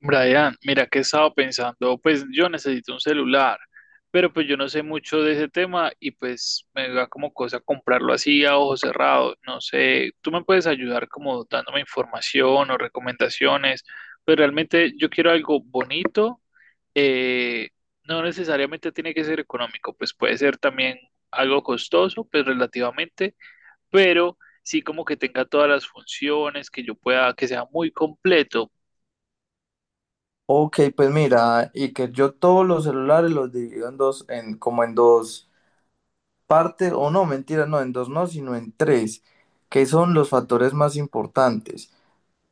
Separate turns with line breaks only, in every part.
Brian, mira que he estado pensando, pues yo necesito un celular, pero pues yo no sé mucho de ese tema y pues me da como cosa comprarlo así a ojos cerrados, no sé, tú me puedes ayudar como dándome información o recomendaciones, pero realmente yo quiero algo bonito. eh, no necesariamente tiene que ser económico, pues puede ser también algo costoso, pues relativamente, pero sí como que tenga todas las funciones, que yo pueda, que sea muy completo.
Ok, pues mira, y que yo todos los celulares los divido en dos, como en dos partes, o no, mentira, no, en dos no, sino en tres, que son los factores más importantes,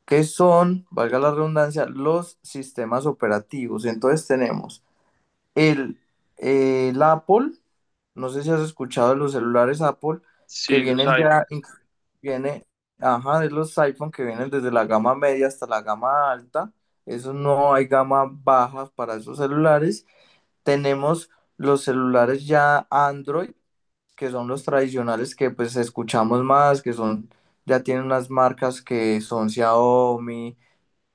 que son, valga la redundancia, los sistemas operativos. Entonces tenemos el, el Apple, no sé si has escuchado de los celulares Apple que
Sí, los
vienen ya,
iPhone.
viene, ajá, de los iPhone que vienen desde la gama media hasta la gama alta. Eso no hay gama baja para esos celulares. Tenemos los celulares ya Android, que son los tradicionales que pues escuchamos más, que son, ya tienen unas marcas que son Xiaomi,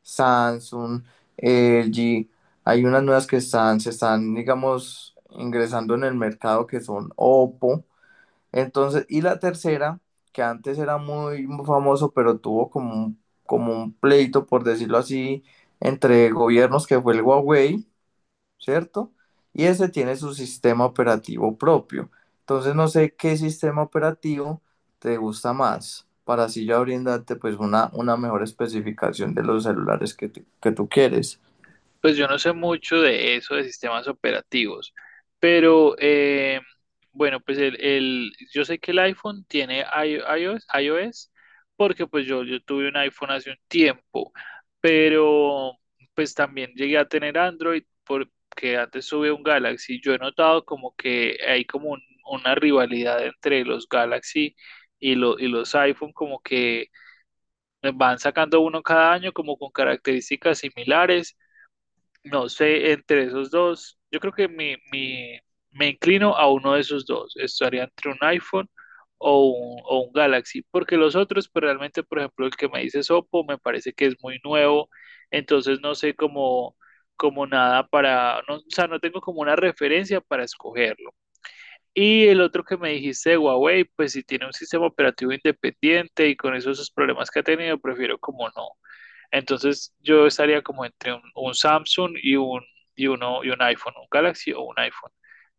Samsung, LG. Hay unas nuevas que se están, digamos, ingresando en el mercado que son Oppo. Entonces, y la tercera, que antes era muy famoso, pero tuvo como un pleito, por decirlo así, entre gobiernos, que fue el Huawei, ¿cierto? Y ese tiene su sistema operativo propio. Entonces, no sé qué sistema operativo te gusta más, para así ya brindarte pues una mejor especificación de los celulares que tú quieres.
Pues yo no sé mucho de eso, de sistemas operativos, pero bueno, pues yo sé que el iPhone tiene iOS, iOS, porque pues yo tuve un iPhone hace un tiempo, pero pues también llegué a tener Android porque antes tuve un Galaxy. Yo he notado como que hay una rivalidad entre los Galaxy y, y los iPhone, como que van sacando uno cada año como con características similares. No sé, entre esos dos, yo creo que me inclino a uno de esos dos. Estaría entre un iPhone o un Galaxy, porque los otros, pues realmente, por ejemplo, el que me dice Oppo me parece que es muy nuevo, entonces no sé cómo, como nada para, no, o sea, no tengo como una referencia para escogerlo. Y el otro que me dijiste de Huawei, pues si tiene un sistema operativo independiente y con esos problemas que ha tenido, prefiero como no. Entonces yo estaría como entre un Samsung y un iPhone, un Galaxy o un iPhone.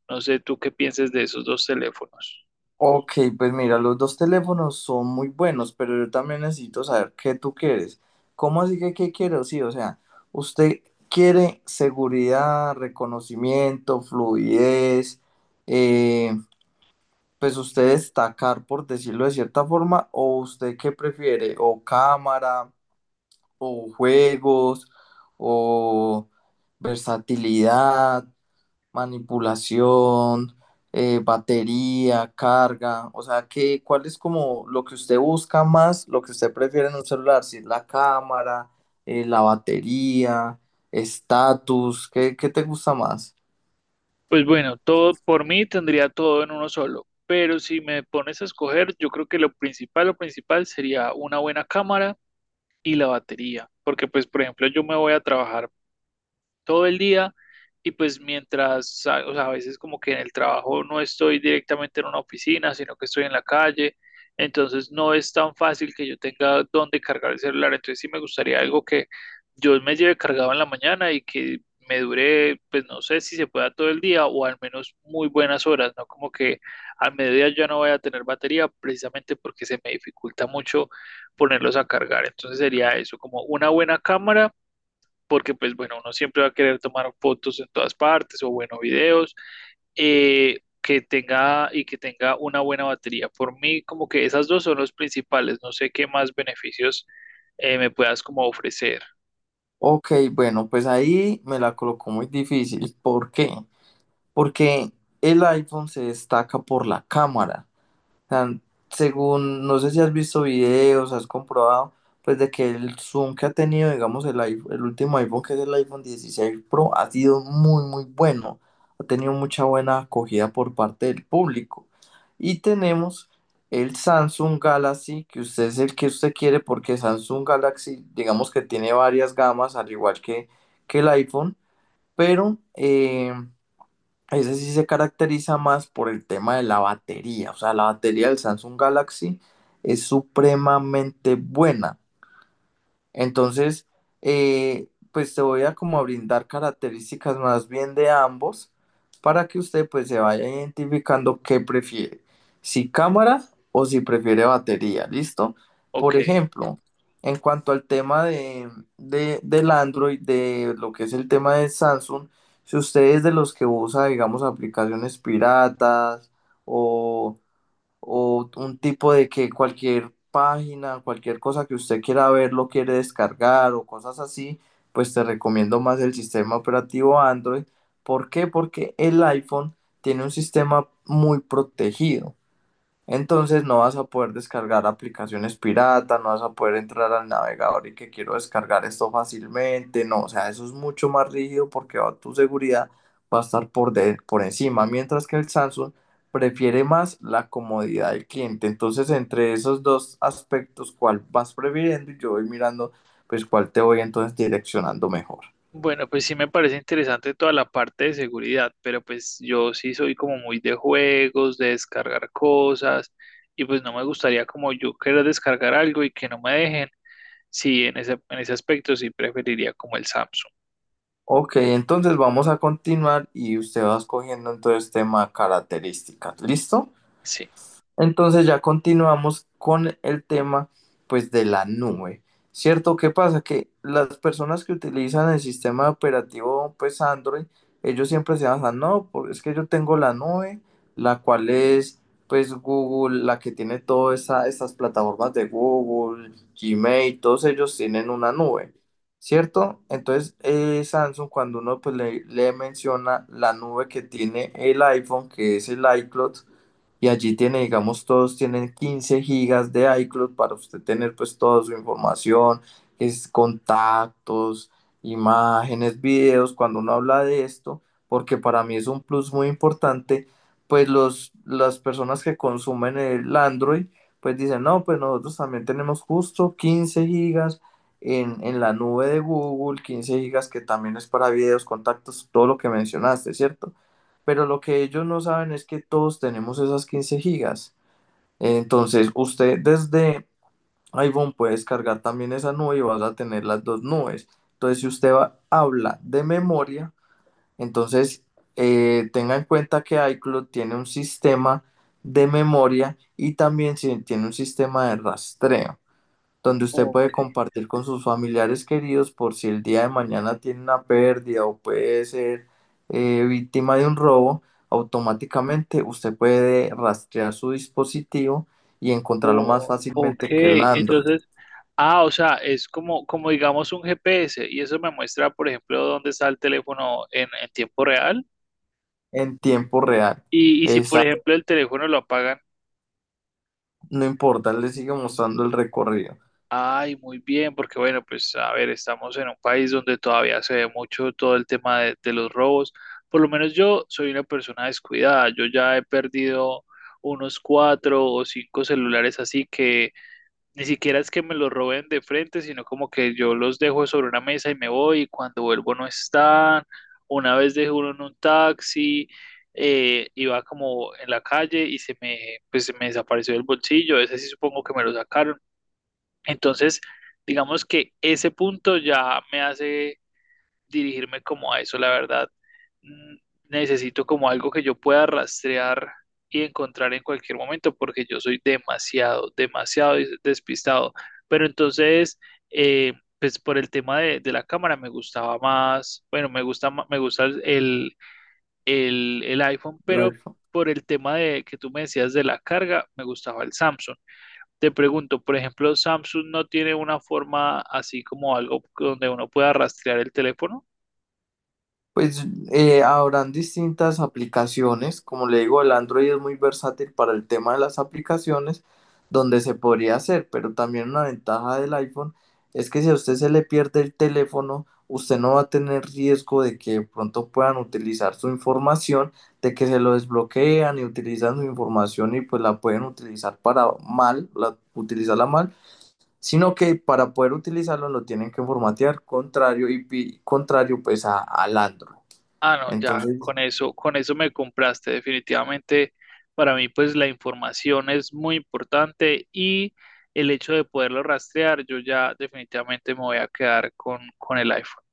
No sé tú qué pienses de esos dos teléfonos.
Ok, pues mira, los dos teléfonos son muy buenos, pero yo también necesito saber qué tú quieres. ¿Cómo así que qué quiero? Sí, o sea, usted quiere seguridad, reconocimiento, fluidez, eh, pues usted destacar, por decirlo de cierta forma, o usted qué prefiere, o cámara, o juegos, o versatilidad manipulación, batería, carga, o sea, ¿cuál es como lo que usted busca más, lo que usted prefiere en un celular? Si es la cámara, la batería, estatus, ¿qué te gusta más?
Pues bueno, todo por mí tendría todo en uno solo, pero si me pones a escoger, yo creo que lo principal sería una buena cámara y la batería, porque pues por ejemplo yo me voy a trabajar todo el día y pues mientras, o sea, a veces como que en el trabajo no estoy directamente en una oficina, sino que estoy en la calle, entonces no es tan fácil que yo tenga dónde cargar el celular, entonces sí me gustaría algo que yo me lleve cargado en la mañana y que me dure, pues no sé si se pueda todo el día o al menos muy buenas horas, ¿no? Como que al mediodía ya no voy a tener batería precisamente porque se me dificulta mucho ponerlos a cargar, entonces sería eso, como una buena cámara porque pues bueno, uno siempre va a querer tomar fotos en todas partes o bueno, videos. Que tenga y que tenga una buena batería. Por mí, como que esas dos son los principales, no sé qué más beneficios me puedas como ofrecer.
Ok, bueno, pues ahí me la colocó muy difícil. ¿Por qué? Porque el iPhone se destaca por la cámara. Sea, según, no sé si has visto videos, has comprobado, pues de que el zoom que ha tenido, digamos, el último iPhone, que es el iPhone dieciséis Pro, ha sido muy, muy bueno. Ha tenido mucha buena acogida por parte del público. Y tenemos el Samsung Galaxy, que usted es el que usted quiere, porque Samsung Galaxy, digamos que tiene varias gamas, al igual que el iPhone, pero ese sí se caracteriza más por el tema de la batería. O sea, la batería del Samsung Galaxy es supremamente buena. Entonces, pues te voy a como a brindar características más bien de ambos para que usted pues se vaya identificando qué prefiere, si cámara o si prefiere batería, ¿listo? Por
Ok.
ejemplo, en cuanto al tema del Android, de lo que es el tema de Samsung, si usted es de los que usa, digamos, aplicaciones piratas o un tipo de que cualquier página, cualquier cosa que usted quiera ver, lo quiere descargar o cosas así, pues te recomiendo más el sistema operativo Android. ¿Por qué? Porque el iPhone tiene un sistema muy protegido. Entonces no vas a poder descargar aplicaciones pirata, no vas a poder entrar al navegador y que quiero descargar esto fácilmente, no, o sea, eso es mucho más rígido porque tu seguridad va a estar por encima, mientras que el Samsung prefiere más la comodidad del cliente. Entonces, entre esos dos aspectos, ¿cuál vas prefiriendo? Y yo voy mirando, pues, cuál te voy entonces direccionando mejor.
Bueno, pues sí me parece interesante toda la parte de seguridad, pero pues yo sí soy como muy de juegos, de descargar cosas, y pues no me gustaría como yo querer descargar algo y que no me dejen. Sí, en ese aspecto sí preferiría como el Samsung.
Ok, entonces vamos a continuar y usted va escogiendo entonces tema características, ¿listo?
Sí.
Entonces ya continuamos con el tema pues de la nube. ¿Cierto? ¿Qué pasa? Que las personas que utilizan el sistema operativo pues Android, ellos siempre se basan, no, es que yo tengo la nube, la cual es pues Google, la que tiene todas estas plataformas de Google, Gmail, todos ellos tienen una nube. ¿Cierto? Entonces, Samsung, cuando uno pues, le menciona la nube que tiene el iPhone, que es el iCloud, y allí tiene, digamos, todos tienen 15 gigas de iCloud para usted tener pues toda su información, es contactos, imágenes, videos, cuando uno habla de esto, porque para mí es un plus muy importante, pues las personas que consumen el Android, pues dicen, no, pues nosotros también tenemos justo 15 gigas en, la nube de Google, 15 gigas que también es para videos, contactos, todo lo que mencionaste, ¿cierto? Pero lo que ellos no saben es que todos tenemos esas 15 gigas. Entonces, usted desde iPhone puede descargar también esa nube y vas a tener las dos nubes. Entonces, si usted habla de memoria, entonces tenga en cuenta que iCloud tiene un sistema de memoria y también tiene un sistema de rastreo donde usted
Ok,
puede compartir con sus familiares queridos por si el día de mañana tiene una pérdida o puede ser víctima de un robo, automáticamente usted puede rastrear su dispositivo y encontrarlo más
ok,
fácilmente que el Android
entonces, ah, o sea, es como, como digamos un GPS y eso me muestra, por ejemplo, dónde está el teléfono en tiempo real.
en tiempo real.
Y, y si, por
Esa
ejemplo, el teléfono lo apagan,
no importa, él le sigue mostrando el recorrido.
ay, muy bien, porque bueno, pues a ver, estamos en un país donde todavía se ve mucho todo el tema de los robos, por lo menos yo soy una persona descuidada, yo ya he perdido unos 4 o 5 celulares así que ni siquiera es que me los roben de frente, sino como que yo los dejo sobre una mesa y me voy, y cuando vuelvo no están. Una vez dejé uno en un taxi, iba como en la calle y se me, pues, se me desapareció del bolsillo, ese sí supongo que me lo sacaron. Entonces, digamos que ese punto ya me hace dirigirme como a eso, la verdad. Mm, Necesito como algo que yo pueda rastrear y encontrar en cualquier momento, porque yo soy demasiado, demasiado despistado. Pero entonces, eh, pues por el tema de la cámara me gustaba más, bueno, me gusta, me gusta el iPhone,
La
pero por el tema de que tú me decías de la carga, me gustaba el Samsung. Te pregunto, por ejemplo, ¿Samsung no tiene una forma así como algo donde uno pueda rastrear el teléfono?
Pues habrán distintas aplicaciones, como le digo, el Android es muy versátil para el tema de las aplicaciones, donde se podría hacer, pero también una ventaja del iPhone es que si a usted se le pierde el teléfono, usted no va a tener riesgo de que de pronto puedan utilizar su información, de que se lo desbloquean y utilizan su información y pues la pueden utilizar para mal, utilizarla mal, sino que para poder utilizarlo lo tienen que formatear, contrario pues al Android.
Ah, no, ya,
Entonces,
con eso me compraste. Definitivamente, para mí, pues la información es muy importante y el hecho de poderlo rastrear, yo ya definitivamente me voy a quedar con el iPhone.